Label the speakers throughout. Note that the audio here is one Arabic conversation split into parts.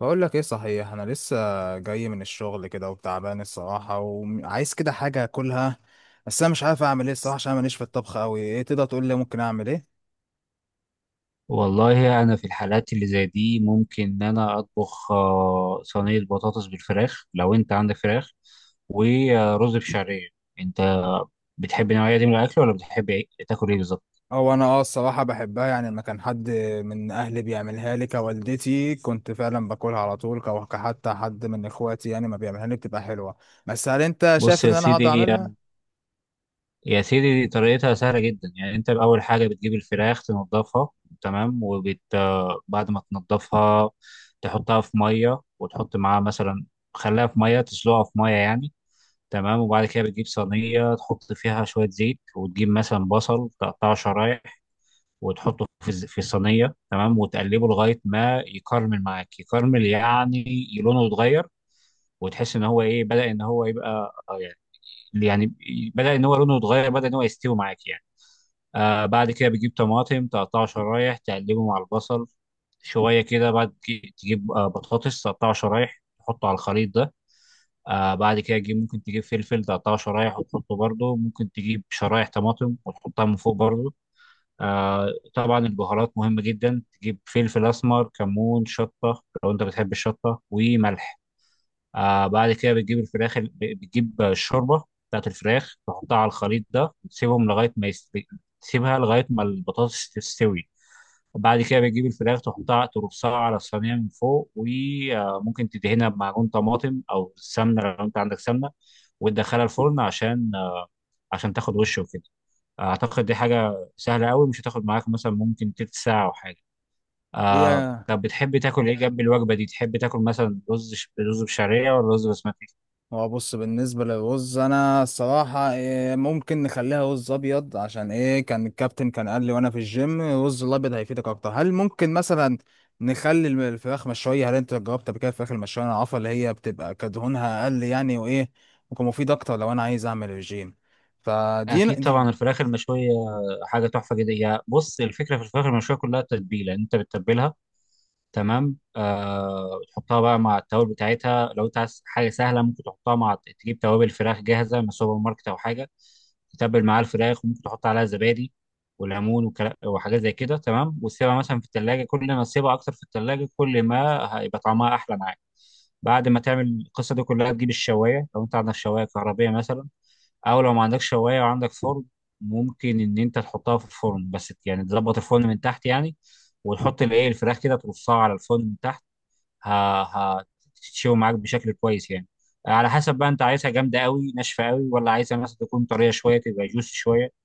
Speaker 1: بقول لك ايه؟ صحيح انا لسه جاي من الشغل كده وتعبان الصراحه، وعايز كده حاجه اكلها. بس انا مش عارف اعمل ايه الصراحه، عشان أنا ماليش في الطبخ قوي. ايه تقدر تقول لي ممكن اعمل ايه؟
Speaker 2: والله أنا في الحالات اللي زي دي ممكن إن أنا أطبخ صينية بطاطس بالفراخ لو أنت عندك فراخ ورز بشعرية. أنت بتحب النوعية دي من الأكل ولا بتحب تاكل إيه بالظبط؟
Speaker 1: او انا اه الصراحه بحبها، يعني لما كان حد من اهلي بيعملها لي كوالدتي كنت فعلا باكلها على طول، كحتى حد من اخواتي يعني ما بيعملها لي بتبقى حلوه. بس هل انت شايف
Speaker 2: بص
Speaker 1: ان
Speaker 2: يا
Speaker 1: انا هقدر
Speaker 2: سيدي
Speaker 1: اعملها؟
Speaker 2: يا سيدي دي طريقتها سهلة جدا. يعني أنت أول حاجة بتجيب الفراخ تنضفها، تمام. وبت آه، بعد ما تنضفها تحطها في مية، وتحط معاها مثلا، خليها في مية، تسلقها في مية يعني. تمام، وبعد كده بتجيب صينية تحط فيها شوية زيت، وتجيب مثلا بصل تقطعه شرايح وتحطه في في الصينية، تمام، وتقلبه لغاية ما يكرمل معاك. يكرمل يعني لونه يتغير، وتحس ان هو ايه، بدأ ان هو يبقى يعني، يعني بدأ ان هو لونه يتغير، بدأ ان هو يستوي معاك يعني. آه، بعد كده بتجيب طماطم تقطعه شرايح تقلبه مع البصل شوية كده. بعد كده تجيب بطاطس تقطعه شرايح تحطه على الخليط ده. آه، بعد كده تجيب، ممكن تجيب فلفل تقطعه شرايح وتحطه برضه، ممكن تجيب شرايح طماطم وتحطها من فوق برضه. آه، طبعا البهارات مهمة جدا، تجيب فلفل أسمر، كمون، شطة لو أنت بتحب الشطة، وملح. آه، بعد كده بتجيب بتجيب الشوربة بتاعت الفراخ تحطها على الخليط ده، وتسيبهم لغاية ما يستوي، تسيبها لغاية ما البطاطس تستوي. بعد كده بتجيب الفراخ تحطها ترصها على الصينية من فوق، وممكن تدهنها بمعجون طماطم أو سمنة لو أنت عندك سمنة، وتدخلها الفرن عشان عشان تاخد وش وكده. اعتقد دي حاجه سهله قوي، مش هتاخد معاك مثلا، ممكن تلت ساعه او حاجه.
Speaker 1: هي
Speaker 2: آه، طب بتحب تاكل ايه جنب الوجبه دي؟ تحب تاكل مثلا رز بشعريه ولا رز بسمتي؟
Speaker 1: هو بص، بالنسبة للرز أنا الصراحة إيه، ممكن نخليها رز أبيض، عشان إيه كان الكابتن كان قال لي وأنا في الجيم الرز الأبيض هيفيدك أكتر. هل ممكن مثلا نخلي الفراخ مشوية؟ هل أنت جربت قبل كده الفراخ المشوية؟ أنا عارفة اللي هي بتبقى كدهونها أقل يعني، وإيه ممكن مفيد أكتر لو أنا عايز أعمل رجيم. فدي
Speaker 2: اكيد
Speaker 1: دي.
Speaker 2: طبعا الفراخ المشويه حاجه تحفه جدا. يا بص الفكره في الفراخ المشويه كلها التتبيله، انت بتتبلها تمام. آه، تحطها بقى مع التوابل بتاعتها، لو انت عايز حاجه سهله ممكن تحطها مع، تجيب توابل فراخ جاهزه من السوبر ماركت او حاجه، تتبل معاها الفراخ، وممكن تحط عليها زبادي وليمون وحاجات زي كده. تمام، وتسيبها مثلا في التلاجة، كل ما تسيبها اكتر في التلاجة كل ما هيبقى طعمها احلى معاك. بعد ما تعمل القصه دي كلها تجيب الشوايه، لو انت عندك شوايه كهربيه مثلا، او لو ما عندكش شوايه وعندك فرن، ممكن ان انت تحطها في الفرن، بس يعني تظبط الفرن من تحت يعني، وتحط الايه، الفراخ كده ترصها على الفرن من تحت. ه- ه- هتتشوي معاك بشكل كويس يعني. على حسب بقى، انت عايزها جامده قوي ناشفه قوي ولا عايزها مثلا تكون طريه شويه، تبقى جوسي شويه.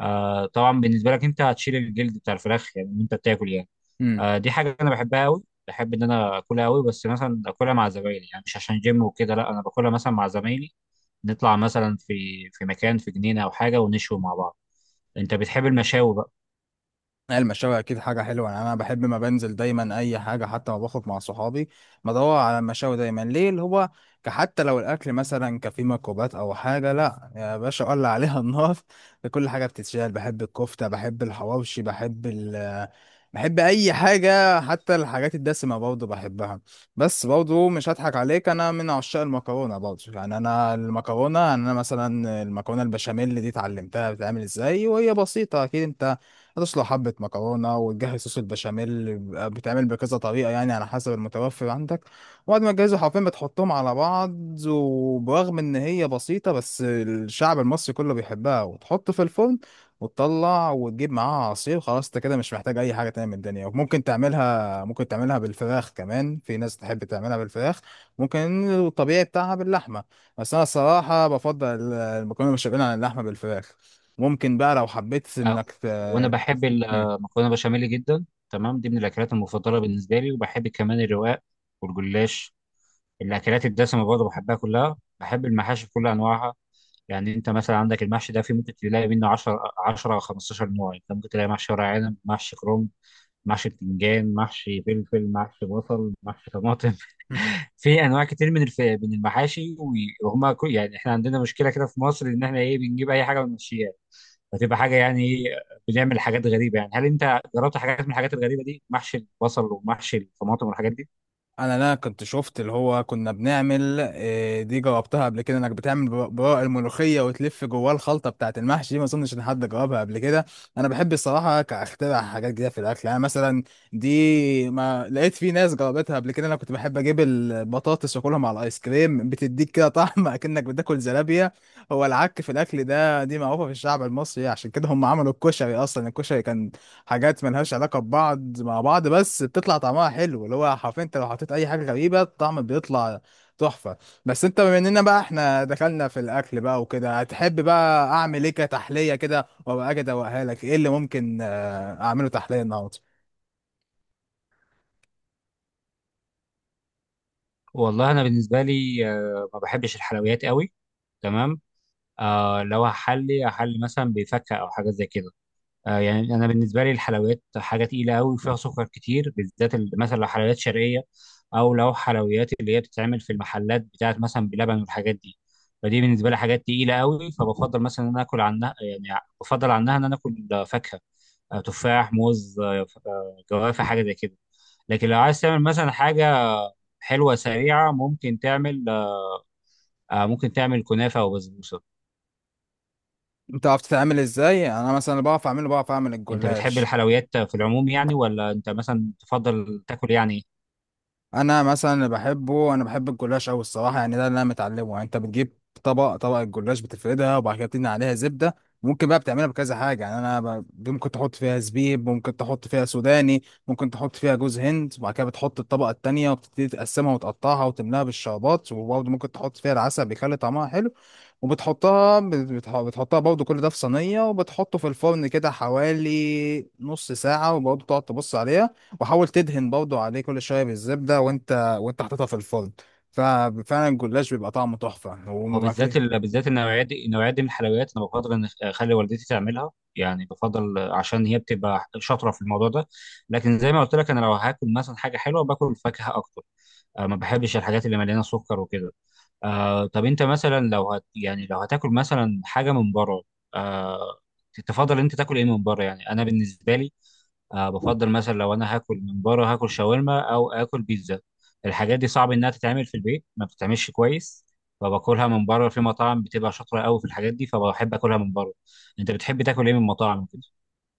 Speaker 2: آه، طبعا بالنسبه لك انت هتشيل الجلد بتاع الفراخ يعني وانت بتاكل يعني.
Speaker 1: مم.
Speaker 2: آه، دي حاجه انا بحبها قوي، بحب ان انا اكلها قوي، بس مثلا اكلها مع زمايلي يعني، مش عشان جيم وكده، لا، انا باكلها مثلا مع زمايلي، نطلع مثلا في في مكان، في جنينه او حاجه، ونشوي مع بعض. انت بتحب المشاوي بقى؟
Speaker 1: المشاوي اكيد حاجه حلوه، يعني انا بحب ما بنزل دايما اي حاجه، حتى ما باخد مع صحابي بدور على المشاوي دايما. ليه؟ اللي هو حتى لو الاكل مثلا كفيه ميكروبات او حاجه، لا يا باشا اولع عليها النار. كل حاجه بتتشال. بحب الكفته، بحب الحواوشي، بحب ال بحب اي حاجه، حتى الحاجات الدسمه برضه بحبها. بس برضه مش هضحك عليك، انا من عشاق المكرونه برضه، يعني انا المكرونه، يعني انا مثلا المكرونه البشاميل دي اتعلمتها بتتعمل ازاي. وهي بسيطه اكيد، انت هتسلق حبة مكرونة وتجهز صوص البشاميل، بيبقى بيتعمل بكذا طريقة يعني على حسب المتوفر عندك. وبعد ما تجهزه حرفيا بتحطهم على بعض. وبرغم إن هي بسيطة بس الشعب المصري كله بيحبها. وتحط في الفرن وتطلع وتجيب معاها عصير، خلاص انت كده مش محتاج اي حاجه تانية من الدنيا. وممكن تعملها، ممكن تعملها بالفراخ كمان، في ناس تحب تعملها بالفراخ. ممكن الطبيعي بتاعها باللحمه، بس انا الصراحه بفضل المكرونه بالبشاميل عن اللحمه بالفراخ. ممكن بقى لو حبيت
Speaker 2: آه،
Speaker 1: انك
Speaker 2: وانا
Speaker 1: ت-
Speaker 2: بحب
Speaker 1: مم.
Speaker 2: المكرونه بشاميل جدا، تمام. دي من الاكلات المفضله بالنسبه لي، وبحب كمان الرواق والجلاش. الاكلات الدسمه برضه بحبها كلها، بحب المحاشي بكل انواعها. يعني انت مثلا عندك المحشي ده في ممكن تلاقي منه 10 او 15 نوع. انت ممكن تلاقي محشي ورق عنب، محشي كرنب، محشي بتنجان، محشي فلفل، محشي بصل، محشي طماطم.
Speaker 1: مم.
Speaker 2: في انواع كتير من من المحاشي يعني احنا عندنا مشكله كده في مصر، ان احنا ايه، بنجيب اي حاجه ونمشيها، فتبقى حاجه يعني بنعمل حاجات غريبه يعني. هل انت جربت حاجات من الحاجات الغريبه دي؟ محشي البصل ومحشي الطماطم والحاجات دي.
Speaker 1: انا كنت شفت اللي هو كنا بنعمل آه، دي جاوبتها قبل كده، انك بتعمل براء الملوخيه وتلف جواه الخلطه بتاعه المحشي دي، ما اظنش ان حد جاوبها قبل كده. انا بحب الصراحه كاخترع حاجات جديده في الاكل، يعني مثلا دي ما لقيت في ناس جاوبتها قبل كده. انا كنت بحب اجيب البطاطس واكلها مع الايس كريم، بتديك كده طعم، اكنك بتاكل زلابيه. هو العك في الاكل ده دي معروفه في الشعب المصري، عشان كده هم عملوا الكشري. اصلا الكشري كان حاجات ملهاش علاقة ببعض مع بعض، بس بتطلع طعمها حلو، اللي هو حرفيا انت لو حطيت اي حاجة غريبة الطعم بيطلع تحفة. بس انت بما اننا بقى احنا دخلنا في الاكل بقى وكده، هتحب بقى اعمل ايه كتحلية كده وابقى اجي ادوقها لك؟ ايه اللي ممكن آه، اعمله تحلية النهاردة؟
Speaker 2: والله انا بالنسبه لي ما بحبش الحلويات قوي، تمام. آه، لو هحلي هحلي مثلا بفكه او حاجه زي كده. يعني انا بالنسبه لي الحلويات حاجه تقيله قوي وفيها سكر كتير، بالذات مثلا لو حلويات شرقيه، او لو حلويات اللي هي بتتعمل في المحلات بتاعت مثلا بلبن والحاجات دي. فدي بالنسبه لي حاجات تقيله قوي، فبفضل مثلا ان انا اكل عنها، يعني بفضل عنها ان انا اكل فاكهه، آه، تفاح، موز، آه، جوافه، حاجه زي كده. لكن لو عايز تعمل مثلا حاجه حلوه سريعه، ممكن تعمل ممكن تعمل كنافه وبسبوسه.
Speaker 1: انت عرفت تعمل ازاي؟ يعني انا مثلا بعرف اعمله، بعرف اعمل
Speaker 2: انت بتحب
Speaker 1: الجلاش.
Speaker 2: الحلويات في العموم يعني، ولا انت مثلا تفضل تاكل يعني؟
Speaker 1: انا مثلا اللي بحبه، انا بحب الجلاش قوي الصراحه، يعني ده اللي انا متعلمه. يعني انت بتجيب طبق، طبق الجلاش بتفردها وبعد كده بتدهن عليها زبده. ممكن بقى بتعملها بكذا حاجه، يعني انا ب... ممكن تحط فيها زبيب، ممكن تحط فيها سوداني، ممكن تحط فيها جوز هند. وبعد كده بتحط الطبقه التانيه، وبتبتدي تقسمها وتقطعها وتملاها بالشربات، وبرضه ممكن تحط فيها العسل بيخلي طعمها حلو. وبتحطها بتحطها برضه، كل ده في صينيه، وبتحطه في الفرن كده حوالي نص ساعه، وبرضه تقعد تبص عليها. وحاول تدهن برضه عليه كل شويه بالزبده، وانت وانت حاططها في الفرن. ففعلا الجلاش بيبقى طعمه تحفه
Speaker 2: هو
Speaker 1: وما
Speaker 2: بالذات
Speaker 1: فيه.
Speaker 2: بالذات النوعيات دي، النوعية دي من الحلويات انا بفضل ان اخلي والدتي تعملها، يعني بفضل عشان هي بتبقى شاطره في الموضوع ده. لكن زي ما قلت لك، انا لو هاكل مثلا حاجه حلوه باكل فاكهه اكتر. أه، ما بحبش الحاجات اللي مليانه سكر وكده. آه، طب انت مثلا لو هت، يعني لو هتاكل مثلا حاجه من بره، آه، تفضل انت تاكل ايه من بره؟ يعني انا بالنسبه لي آه بفضل مثلا لو انا هاكل من بره هاكل شاورما او اكل بيتزا. الحاجات دي صعب انها تتعمل في البيت، ما بتتعملش كويس، فباكلها من بره في مطاعم بتبقى شاطره قوي في الحاجات دي، فبحب اكلها من بره. انت بتحب تاكل ايه من مطاعم كده؟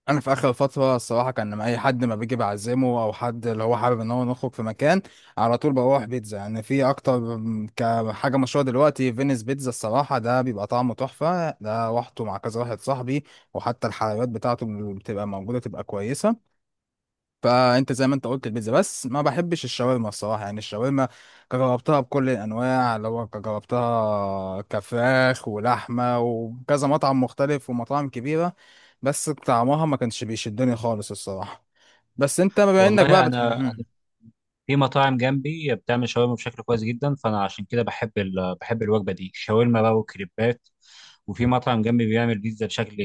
Speaker 1: انا في اخر فتره الصراحه كان لما اي حد ما بيجي بعزمه او حد اللي هو حابب ان هو نخرج في مكان على طول بروح بيتزا، يعني في اكتر كحاجه مشهوره دلوقتي فينيس بيتزا الصراحه، ده بيبقى طعمه تحفه، ده روحته مع كذا واحد صاحبي. وحتى الحلويات بتاعته بتبقى موجوده تبقى كويسه. فانت زي ما انت قلت البيتزا، بس ما بحبش الشاورما الصراحه. يعني الشاورما جربتها بكل الانواع، اللي هو جربتها كفراخ ولحمه وكذا مطعم مختلف ومطاعم كبيره، بس طعمها ما كانش بيشدني خالص الصراحه. بس انت بما انك بقى
Speaker 2: والله انا
Speaker 1: بتحب،
Speaker 2: في مطاعم جنبي بتعمل شاورما بشكل كويس جدا، فانا عشان كده بحب بحب الوجبه دي، شاورما بقى وكريبات. وفي مطعم جنبي بيعمل بيتزا بشكل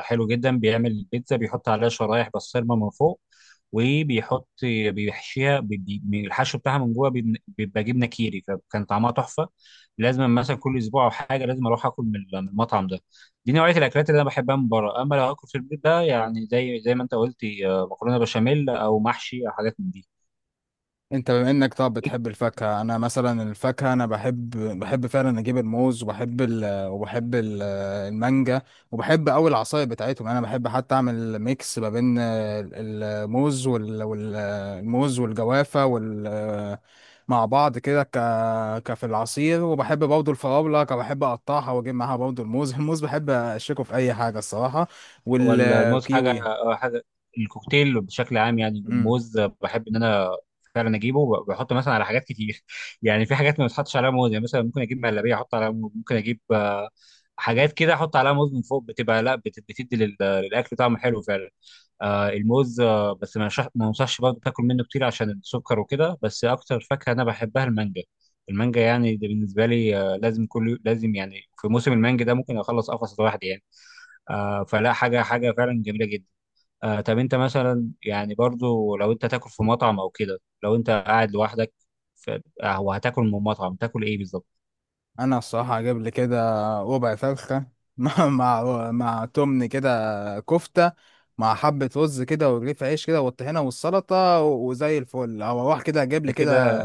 Speaker 2: حلو جدا، بيعمل البيتزا بيحط عليها شرايح بسطرمه من فوق، وبيحط، بيحشيها الحشو بتاعها من جوه بيبقى جبنه كيري، فكان طعمها تحفه. لازم مثلا كل اسبوع او حاجه لازم اروح اكل من من المطعم ده. دي نوعيه الاكلات اللي انا بحبها من بره. اما لو اكل في البيت ده، يعني زي ما انت قلت، مكرونه بشاميل او محشي او حاجات من دي.
Speaker 1: انت بما انك طب بتحب الفاكهة، انا مثلا الفاكهة انا بحب، بحب فعلا اجيب الموز. وبحب ال... وبحب ال... المانجا. وبحب اوي العصاير بتاعتهم، يعني انا بحب حتى اعمل ميكس ما بين الموز وال... وال... الموز والجوافة وال... مع بعض كده ك... كفي العصير. وبحب برضه الفراولة، بحب اقطعها واجيب معاها برضه الموز. الموز بحب اشيكه في اي حاجة الصراحة.
Speaker 2: ولا الموز حاجه،
Speaker 1: والكيوي.
Speaker 2: حاجه، الكوكتيل بشكل عام. يعني
Speaker 1: مم.
Speaker 2: الموز بحب ان انا فعلا اجيبه بحطه مثلا على حاجات كتير يعني، في حاجات ما بتحطش عليها موز يعني. مثلا ممكن اجيب مهلبيه احط عليها موز، ممكن اجيب حاجات كده احط عليها موز من فوق، بتبقى لا بتدي للاكل طعم حلو فعلا. آه، الموز، آه، بس ما انصحش برضه تاكل منه كتير عشان السكر وكده. بس اكتر فاكهه انا بحبها المانجا. المانجا يعني دي بالنسبه لي آه لازم، كل لازم يعني، في موسم المانجا ده ممكن اخلص قفص لوحدي يعني. آه، فلا، حاجة حاجة فعلا جميلة جدا. آه، طب انت مثلا يعني، برضو لو انت تاكل في مطعم او كده، لو انت قاعد لوحدك ف- وهتاكل من مطعم تاكل ايه بالظبط؟
Speaker 1: انا الصراحه اجيب لي كده ربع فرخه، مع تمن كده كفته، مع حبه رز كده، ورغيف عيش كده، والطحينه والسلطه، وزي الفل. او اروح كده اجيب
Speaker 2: انت
Speaker 1: لي كده
Speaker 2: كده،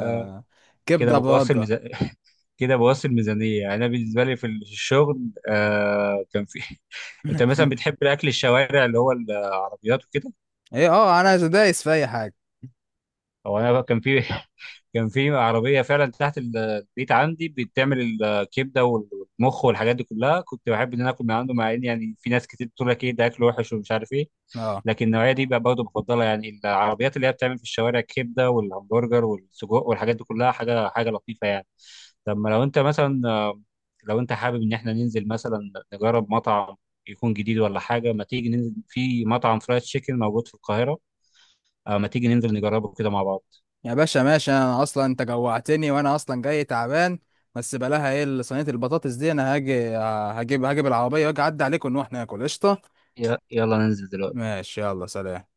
Speaker 2: كده
Speaker 1: كبده
Speaker 2: بوصل
Speaker 1: برده.
Speaker 2: ميزان كده بوصل ميزانية. يعني انا بالنسبة لي في الشغل آه كان في انت مثلا بتحب الاكل الشوارع اللي هو العربيات وكده؟
Speaker 1: ايه اه، انا دايس في اي حاجه.
Speaker 2: هو انا كان في كان في عربية فعلا تحت البيت عندي بتعمل الكبدة والمخ والحاجات دي كلها، كنت بحب ان انا اكل من عنده، مع ان يعني في ناس كتير بتقول لك ايه ده، اكل وحش ومش عارف ايه،
Speaker 1: اه
Speaker 2: لكن النوعية دي بقى برضه بفضلها، يعني العربيات اللي هي بتعمل في الشوارع الكبدة والهمبرجر والسجق والحاجات دي كلها، حاجة لطيفة يعني. طب ما لو انت مثلا لو انت حابب ان احنا ننزل مثلا نجرب مطعم يكون جديد ولا حاجة، ما تيجي ننزل في مطعم فرايد تشيكن موجود في القاهرة؟ ما تيجي ننزل نجربه كده مع بعض؟
Speaker 1: يا باشا ماشي، انا اصلا انت جوعتني، وانا اصلا جاي تعبان. بس بلاها ايه صينيه البطاطس دي، انا هاجي آه، هجيب هجيب العربيه واجي اعدي عليكم ونروح ناكل قشطه.
Speaker 2: يلا ننزل دلوقتي
Speaker 1: ماشي يلا سلام.